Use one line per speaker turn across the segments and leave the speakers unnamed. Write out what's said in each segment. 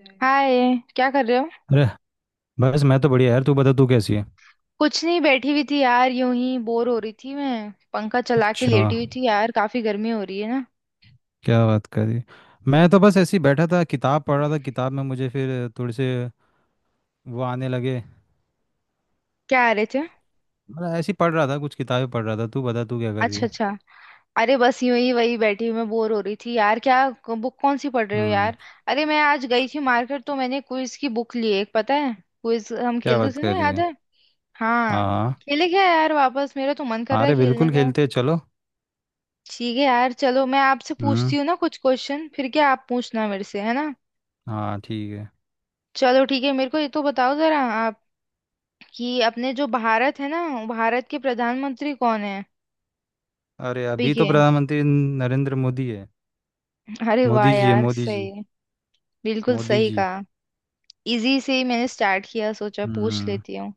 अरे।
हाय। क्या कर रहे हो?
बस मैं तो बढ़िया यार। तू बता, तू कैसी है।
कुछ नहीं, बैठी हुई थी यार, यूं ही बोर हो रही थी, मैं पंखा चला के
अच्छा,
लेटी हुई थी यार, काफी गर्मी हो रही है ना।
क्या बात करी। मैं तो बस ऐसे ही बैठा था, किताब पढ़ रहा था, किताब में मुझे फिर थोड़े से वो आने लगे।
क्या आ रहे थे?
मतलब ऐसे ही पढ़ रहा था, कुछ किताबें पढ़ रहा था। तू बता तू क्या कर रही
अच्छा
है।
अच्छा। अरे बस यूं ही वही बैठी हुई, मैं बोर हो रही थी यार क्या। बुक कौन सी पढ़ रहे हो
हम्म।
यार? अरे मैं आज गई थी मार्केट तो मैंने क्विज की बुक ली एक, पता है, क्विज हम
क्या
खेलते
बात
थे ना,
कर रही
याद
है।
है? हाँ,
हाँ।
खेले क्या यार वापस, मेरा तो मन कर
हाँ,
रहा है
अरे
खेलने
बिल्कुल
का।
खेलते हैं, चलो।
ठीक है यार, चलो मैं आपसे पूछती
हम्म।
हूँ ना कुछ क्वेश्चन, फिर क्या आप पूछना मेरे से, है ना।
हाँ, ठीक है।
चलो ठीक है, मेरे को ये तो बताओ जरा आप, कि अपने जो भारत है ना, भारत के प्रधानमंत्री कौन है?
अरे,
अभी
अभी तो
के?
प्रधानमंत्री नरेंद्र मोदी है।
अरे वाह
मोदी जी है,
यार,
मोदी जी।
सही। बिल्कुल
मोदी
सही
जी।
कहा। इजी से ही मैंने स्टार्ट किया, सोचा पूछ
हम्म।
लेती हूँ।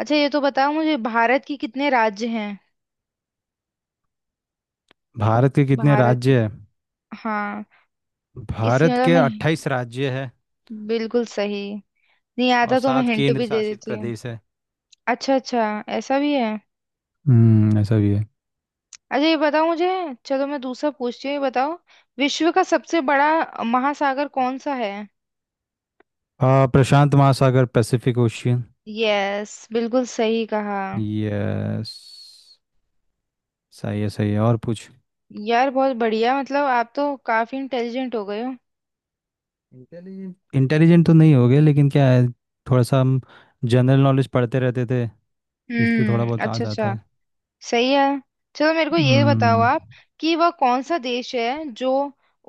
अच्छा ये तो बताओ मुझे, भारत के कितने राज्य हैं?
भारत के कितने
भारत के।
राज्य है।
हाँ। इसी
भारत
मतलब
के
मैं,
28 राज्य है
बिल्कुल सही। नहीं
और
आता तो मैं
7
हिंट
केंद्र
भी दे
शासित
देती हूँ।
प्रदेश है।
अच्छा अच्छा, ऐसा भी है।
हम्म, ऐसा भी है।
अच्छा ये बताओ मुझे, चलो मैं दूसरा पूछती हूँ, ये बताओ, विश्व का सबसे बड़ा महासागर कौन सा है?
प्रशांत महासागर, पैसिफिक ओशियन।
यस बिल्कुल सही कहा।
यस। सही है, सही है, और पूछ।
यार बहुत बढ़िया, मतलब आप तो काफी इंटेलिजेंट हो गए हो।
इंटेलिजेंट तो नहीं हो गए, लेकिन क्या है, थोड़ा सा हम जनरल नॉलेज पढ़ते रहते थे, इसलिए थोड़ा बहुत आ
अच्छा
जाता
अच्छा।
है।
सही है। चलो मेरे को ये बताओ
हम्म।
आप, कि वह कौन सा देश है जो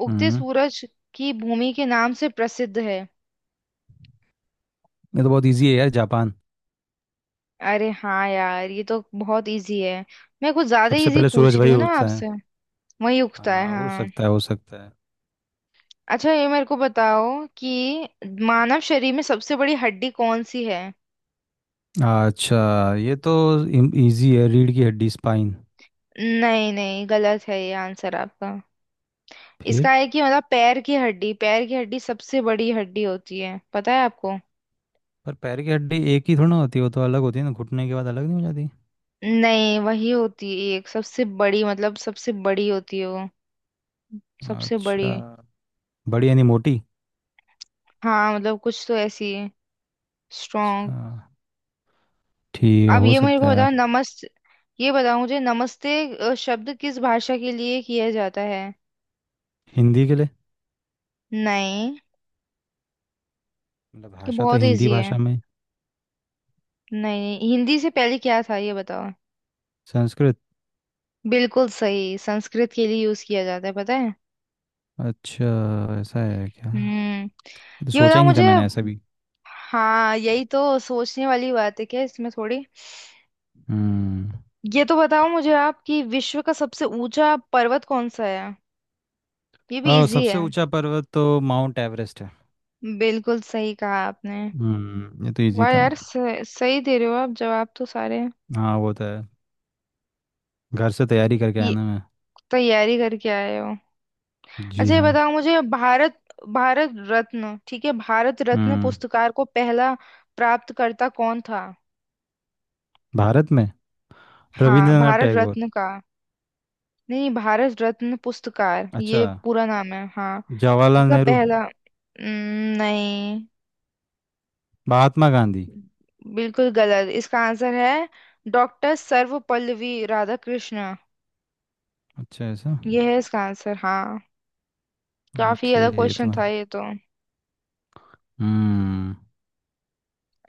उगते
हम्म,
सूरज की भूमि के नाम से प्रसिद्ध है?
ये तो बहुत इजी है यार, जापान।
अरे हाँ यार, ये तो बहुत इजी है। मैं कुछ ज्यादा
सबसे
इजी
पहले सूरज
पूछ रही
भाई
हूँ ना
उगता है।
आपसे। वही उगता है
हो
हाँ।
सकता है, हो सकता है।
अच्छा ये मेरे को बताओ कि मानव शरीर में सबसे बड़ी हड्डी कौन सी है?
अच्छा, ये तो इजी है, रीढ़ की हड्डी, स्पाइन।
नहीं नहीं, गलत है ये आंसर आपका।
फिर,
इसका है कि मतलब, पैर की हड्डी, पैर की हड्डी सबसे बड़ी हड्डी होती है, पता है आपको।
पर पैर की हड्डी एक ही थोड़ी ना होती है, वो तो अलग होती है ना, घुटने के बाद अलग नहीं हो जाती।
नहीं वही होती है एक, सबसे बड़ी मतलब सबसे बड़ी होती है वो। सबसे बड़ी,
अच्छा, बड़ी यानी मोटी।
हाँ मतलब कुछ तो ऐसी है, स्ट्रॉन्ग।
अच्छा, ठीक है,
अब
हो
ये मेरे
सकता
को
है यार।
बताओ नमस्ते, ये बताओ मुझे, नमस्ते शब्द किस भाषा के लिए किया जाता है?
हिंदी के लिए।
नहीं।
मतलब
ये
भाषा तो
बहुत
हिंदी
इजी है।
भाषा में।
नहीं, हिंदी से पहले क्या था ये बताओ।
संस्कृत।
बिल्कुल सही, संस्कृत के लिए यूज किया जाता है, पता है।
अच्छा, ऐसा है क्या।
हम्म।
ये तो
ये
सोचा
बताओ
ही नहीं था
मुझे,
मैंने, ऐसा भी।
हाँ यही तो सोचने वाली बात है, क्या इसमें थोड़ी।
हम्म,
ये तो बताओ मुझे आप, कि विश्व का सबसे ऊंचा पर्वत कौन सा है? ये भी
और
इजी
सबसे
है।
ऊंचा पर्वत तो माउंट एवरेस्ट है।
बिल्कुल सही कहा आपने।
हम्म, ये तो इजी
वाह
था।
यार, सही, सही दे रहे हो आप जवाब तो सारे।
हाँ, वो तो है, घर से तैयारी करके आया
ये
ना मैं।
तैयारी करके आए हो?
जी
अच्छा ये
हाँ।
बताओ मुझे, भारत, भारत रत्न, ठीक है, भारत रत्न
हम्म।
पुरस्कार को पहला प्राप्तकर्ता कौन था?
भारत में
हाँ
रविंद्रनाथ
भारत
टैगोर।
रत्न का। नहीं, भारत रत्न पुरस्कार,
अच्छा,
ये पूरा नाम है, हाँ।
जवाहरलाल
इसका
नेहरू।
पहला, नहीं।
महात्मा गांधी।
बिल्कुल गलत इसका आंसर है। डॉक्टर सर्वपल्ली राधाकृष्ण,
अच्छा, ऐसा।
ये है इसका आंसर हाँ। काफी
ओके।
अलग
ये तो
क्वेश्चन
मैं।
था ये तो।
हम्म।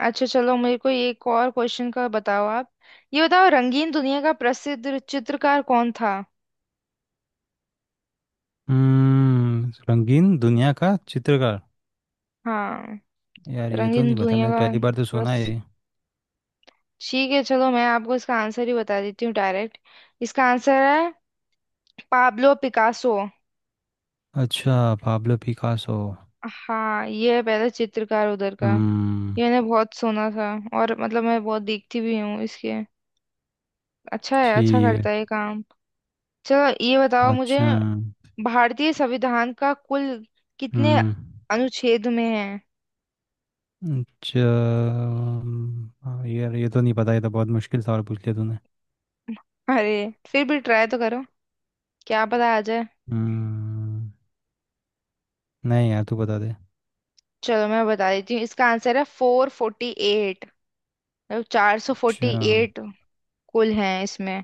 अच्छा चलो मेरे को एक और क्वेश्चन का बताओ आप। ये बताओ, रंगीन दुनिया का प्रसिद्ध चित्रकार कौन था?
हम्म, रंगीन दुनिया का चित्रकार।
हाँ।
यार, ये तो
रंगीन
नहीं पता,
दुनिया
मैंने
का
पहली बार तो सुना
प्रस,
है ये।
ठीक है चलो मैं आपको इसका आंसर ही बता देती हूँ डायरेक्ट। इसका आंसर है पाब्लो पिकासो।
अच्छा, पाब्लो पिकासो।
हाँ ये पहले चित्रकार उधर का।
हम्म।
ये मैंने बहुत सुना था, और मतलब मैं बहुत देखती भी हूँ इसके। अच्छा है, अच्छा
ठीक है।
करता है ये काम। चलो ये बताओ मुझे,
अच्छा।
भारतीय संविधान का कुल कितने
हम्म।
अनुच्छेद में है?
अच्छा। हाँ, यार ये तो नहीं पता, ये तो बहुत मुश्किल सवाल पूछ लिया तूने।
अरे फिर भी ट्राई तो करो, क्या पता आ जाए।
हम्म। नहीं यार, तू बता दे।
चलो मैं बता देती हूँ, इसका आंसर है फोर फोर्टी एट, मतलब चार सौ
अच्छा।
फोर्टी एट, कुल हैं इसमें।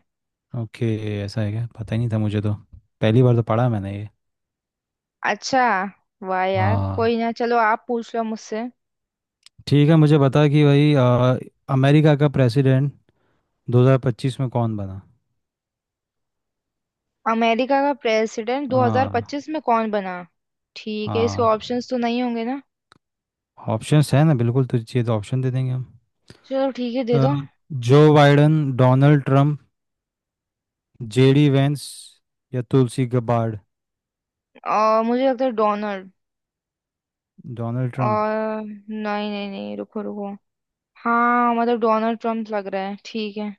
ओके, ऐसा है क्या, पता ही नहीं था मुझे तो, पहली बार तो पढ़ा मैंने ये।
अच्छा। वाह यार,
हाँ।
कोई ना, चलो आप पूछ लो मुझसे।
ठीक है, मुझे बता कि भाई, अमेरिका का प्रेसिडेंट 2025 में कौन बना।
अमेरिका का प्रेसिडेंट
हाँ।
2025 में कौन बना? ठीक है, इसके
हाँ,
ऑप्शंस तो नहीं होंगे ना।
ऑप्शंस है ना, बिल्कुल, तुझे चाहिए तो ऑप्शन दे देंगे हम।
चलो ठीक है, दे
अ,
दो।
जो Biden, Donald Trump, JD Vance, या तुलसी गबार्ड।
और मुझे लगता है डोनाल्ड,
डोनाल्ड ट्रम्प।
और नहीं नहीं नहीं, रुको रुको। हाँ मतलब डोनाल्ड ट्रम्प लग रहा है, ठीक है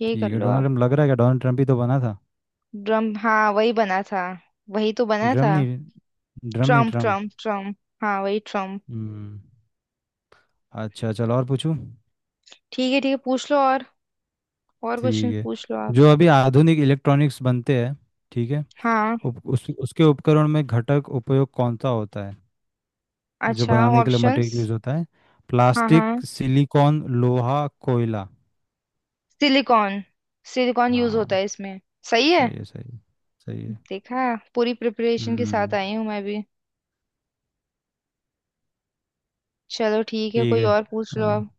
यही कर
ठीक है,
लो
डोनाल्ड
आप।
ट्रम्प लग रहा है, क्या डोनाल्ड ट्रम्प ही तो बना था।
ट्रम्प, हाँ वही बना था, वही तो बना
ड्रम
था।
नहीं। ड्रम नहीं,
ट्रम्प
ट्रम्प।
ट्रम्प ट्रम्प, हाँ वही ट्रम्प।
हम्म। अच्छा चलो, और पूछूं।
ठीक है ठीक है, पूछ लो और क्वेश्चन
ठीक है,
पूछ लो आप।
जो अभी आधुनिक इलेक्ट्रॉनिक्स बनते हैं, ठीक है,
हाँ।
उसके उपकरण में घटक उपयोग कौन सा होता है, जो
अच्छा।
बनाने के लिए
ऑप्शंस।
मटेरियल यूज होता है।
हाँ
प्लास्टिक,
हाँ,
सिलिकॉन, लोहा, कोयला।
सिलिकॉन, सिलिकॉन यूज होता
हाँ।
है इसमें। सही है।
सही है, सही है, सही है।
देखा, पूरी प्रिपरेशन के साथ
हम्म।
आई हूँ मैं भी। चलो ठीक है,
ठीक
कोई
है।
और पूछ लो
हाँ,
अब।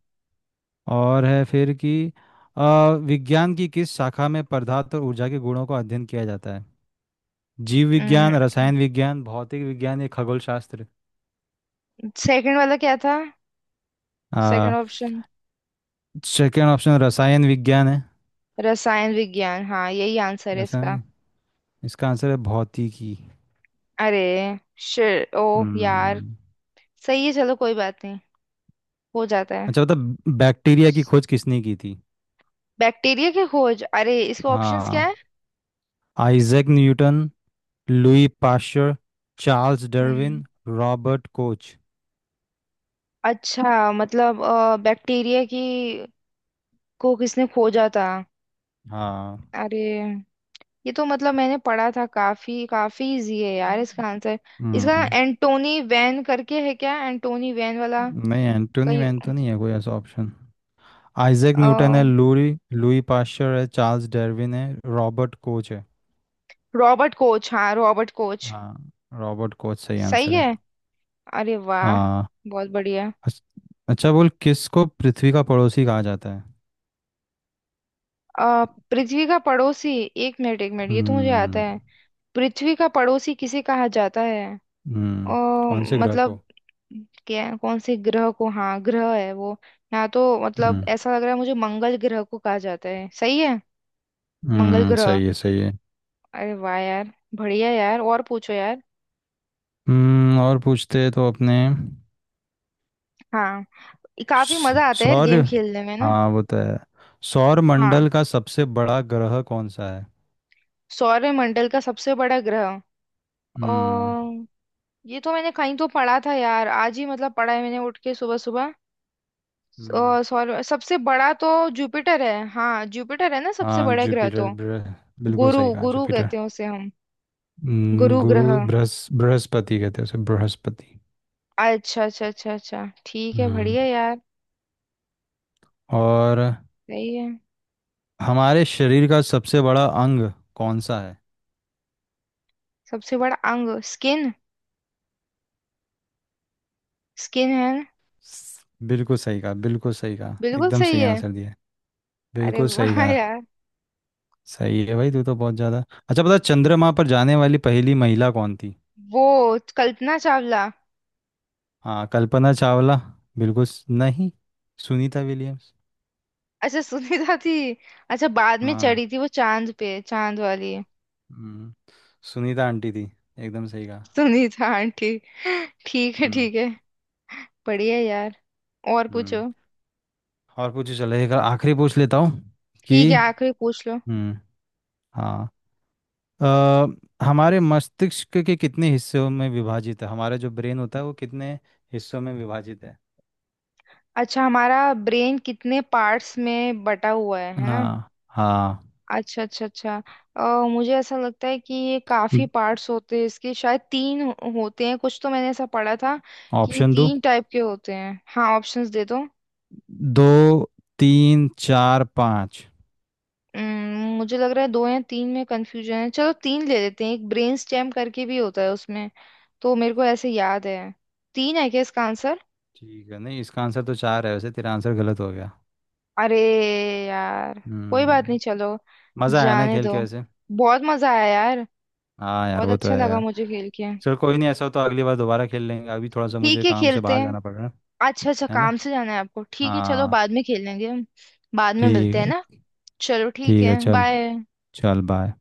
और है फिर कि विज्ञान की किस शाखा में पदार्थ और ऊर्जा के गुणों का अध्ययन किया जाता है। जीव विज्ञान, रसायन विज्ञान, भौतिक विज्ञान, या खगोल शास्त्र।
सेकंड वाला क्या था, सेकंड ऑप्शन?
सेकेंड ऑप्शन रसायन विज्ञान है।
रसायन विज्ञान, हाँ यही आंसर है इसका।
रसायन। इसका आंसर है भौतिकी।
अरे शिट, ओ यार।
हम्म।
सही है, चलो कोई बात नहीं, हो जाता है।
अच्छा बता, बैक्टीरिया की खोज किसने की थी।
बैक्टीरिया की खोज, अरे इसके ऑप्शंस क्या
हाँ।
है?
Isaac Newton, Louis Pasteur, Charles Darwin,
हम्म।
Robert Koch.
अच्छा मतलब बैक्टीरिया की को किसने खोजा था।
हाँ।
अरे ये तो मतलब मैंने पढ़ा था, काफी काफी इजी है यार इसका आंसर। इसका
हम्म।
एंटोनी वैन करके है क्या, एंटोनी वैन वाला
नहीं, एंटोनी
कहीं?
वैन तो नहीं है कोई ऐसा ऑप्शन। आइजैक
अ
न्यूटन है, लुई लुई पाश्चर है, चार्ल्स डार्विन है, रॉबर्ट कोच है।
रॉबर्ट कोच, हाँ रॉबर्ट कोच।
हाँ, रॉबर्ट कोच सही
सही
आंसर
है,
है।
अरे वाह,
हाँ।
बहुत बढ़िया।
अच्छ- अच्छा बोल, किसको पृथ्वी का पड़ोसी कहा जाता है।
अ, पृथ्वी का पड़ोसी, एक मिनट एक मिनट, ये तो मुझे आता
हम्म।
है। पृथ्वी का पड़ोसी किसे कहा जाता है? अ,
हम्म, कौन से ग्रह
मतलब
को।
क्या, कौन से ग्रह को, हाँ ग्रह है वो। यहाँ तो मतलब
हम्म।
ऐसा लग रहा है मुझे, मंगल ग्रह को कहा जाता है, सही है? मंगल
हम्म,
ग्रह।
सही है, सही है।
अरे वाह यार, बढ़िया यार, और पूछो यार।
हम्म, और पूछते हैं तो अपने
हाँ, काफी मजा आता है यार
सौर।
गेम खेलने में ना।
हाँ, वो तो है। सौर
हाँ
मंडल का सबसे बड़ा ग्रह कौन सा है।
सौरमंडल का सबसे बड़ा ग्रह,
हम्म।
अ, ये तो मैंने कहीं तो पढ़ा था यार, आज ही मतलब पढ़ा है मैंने उठ के सुबह सुबह।
हम्म,
सौर सबसे बड़ा तो जुपिटर है, हाँ जुपिटर है ना सबसे
हाँ
बड़ा ग्रह
जुपिटर,
तो।
बिल्कुल
गुरु,
सही कहा,
गुरु
जुपिटर।
कहते हैं उसे हम, गुरु
गुरु,
ग्रह।
बृहस्पति कहते हैं उसे, बृहस्पति।
अच्छा अच्छा अच्छा अच्छा, ठीक है,
हम्म।
बढ़िया यार।
और
सही है।
हमारे शरीर का सबसे बड़ा अंग कौन सा है।
सबसे बड़ा अंग स्किन, स्किन है ना?
बिल्कुल सही कहा, बिल्कुल सही कहा,
बिल्कुल
एकदम
सही
सही
है।
आंसर दिया।
अरे
बिल्कुल सही
वाह
कहा।
यार।
सही है भाई, तू तो बहुत ज़्यादा। अच्छा, पता है, चंद्रमा पर जाने वाली पहली महिला कौन थी।
वो कल्पना चावला।
हाँ, कल्पना चावला। नहीं, सुनीता विलियम्स।
अच्छा सुनीता थी। अच्छा बाद में
हाँ।
चढ़ी थी वो चांद पे, चांद वाली।
हम्म, सुनीता आंटी थी, एकदम सही कहा।
सुनीता आंटी। ठीक है
हम्म।
ठीक है, बढ़िया यार, और पूछो।
हम्म, और पूछो, चलो एक आखिरी पूछ लेता हूँ
ठीक
कि।
है, आखिरी पूछ लो।
हम्म। हाँ। अ, हमारे मस्तिष्क के कितने हिस्सों में विभाजित है, हमारा जो ब्रेन होता है वो कितने हिस्सों में विभाजित है।
अच्छा, हमारा ब्रेन कितने पार्ट्स में बटा हुआ है ना?
हाँ। हाँ।
अच्छा अच्छा अच्छा। मुझे ऐसा लगता है कि ये काफी पार्ट्स होते हैं इसके, शायद होते हैं कुछ तो, मैंने ऐसा पढ़ा था कि
ऑप्शन दो,
तीन टाइप के होते हैं। हाँ ऑप्शंस दे दो।
दो, तीन, चार, पाँच।
मुझे लग रहा है दो या तीन में कंफ्यूजन है, चलो तीन ले लेते हैं, एक ब्रेन स्टेम करके भी होता है उसमें, तो मेरे को ऐसे याद है। तीन है क्या इसका आंसर?
ठीक है, नहीं इसका आंसर तो 4 है, वैसे तेरा आंसर गलत हो गया।
अरे यार, कोई बात
हम्म।
नहीं, चलो
मज़ा आया ना
जाने
खेल के
दो।
वैसे।
बहुत मजा आया यार,
हाँ यार,
बहुत
वो तो
अच्छा
है
लगा
यार।
मुझे खेल के।
चल कोई नहीं, ऐसा हो तो अगली बार दोबारा खेल लेंगे, अभी थोड़ा सा
ठीक
मुझे
है
काम से
खेलते
बाहर
हैं।
जाना पड़ रहा है।
अच्छा अच्छा,
है ना।
काम से जाना है आपको, ठीक है चलो
हाँ।
बाद में खेल लेंगे हम। बाद में
ठीक
मिलते हैं
है।
ना। चलो ठीक
ठीक
है,
है चल।
बाय।
चल बाय।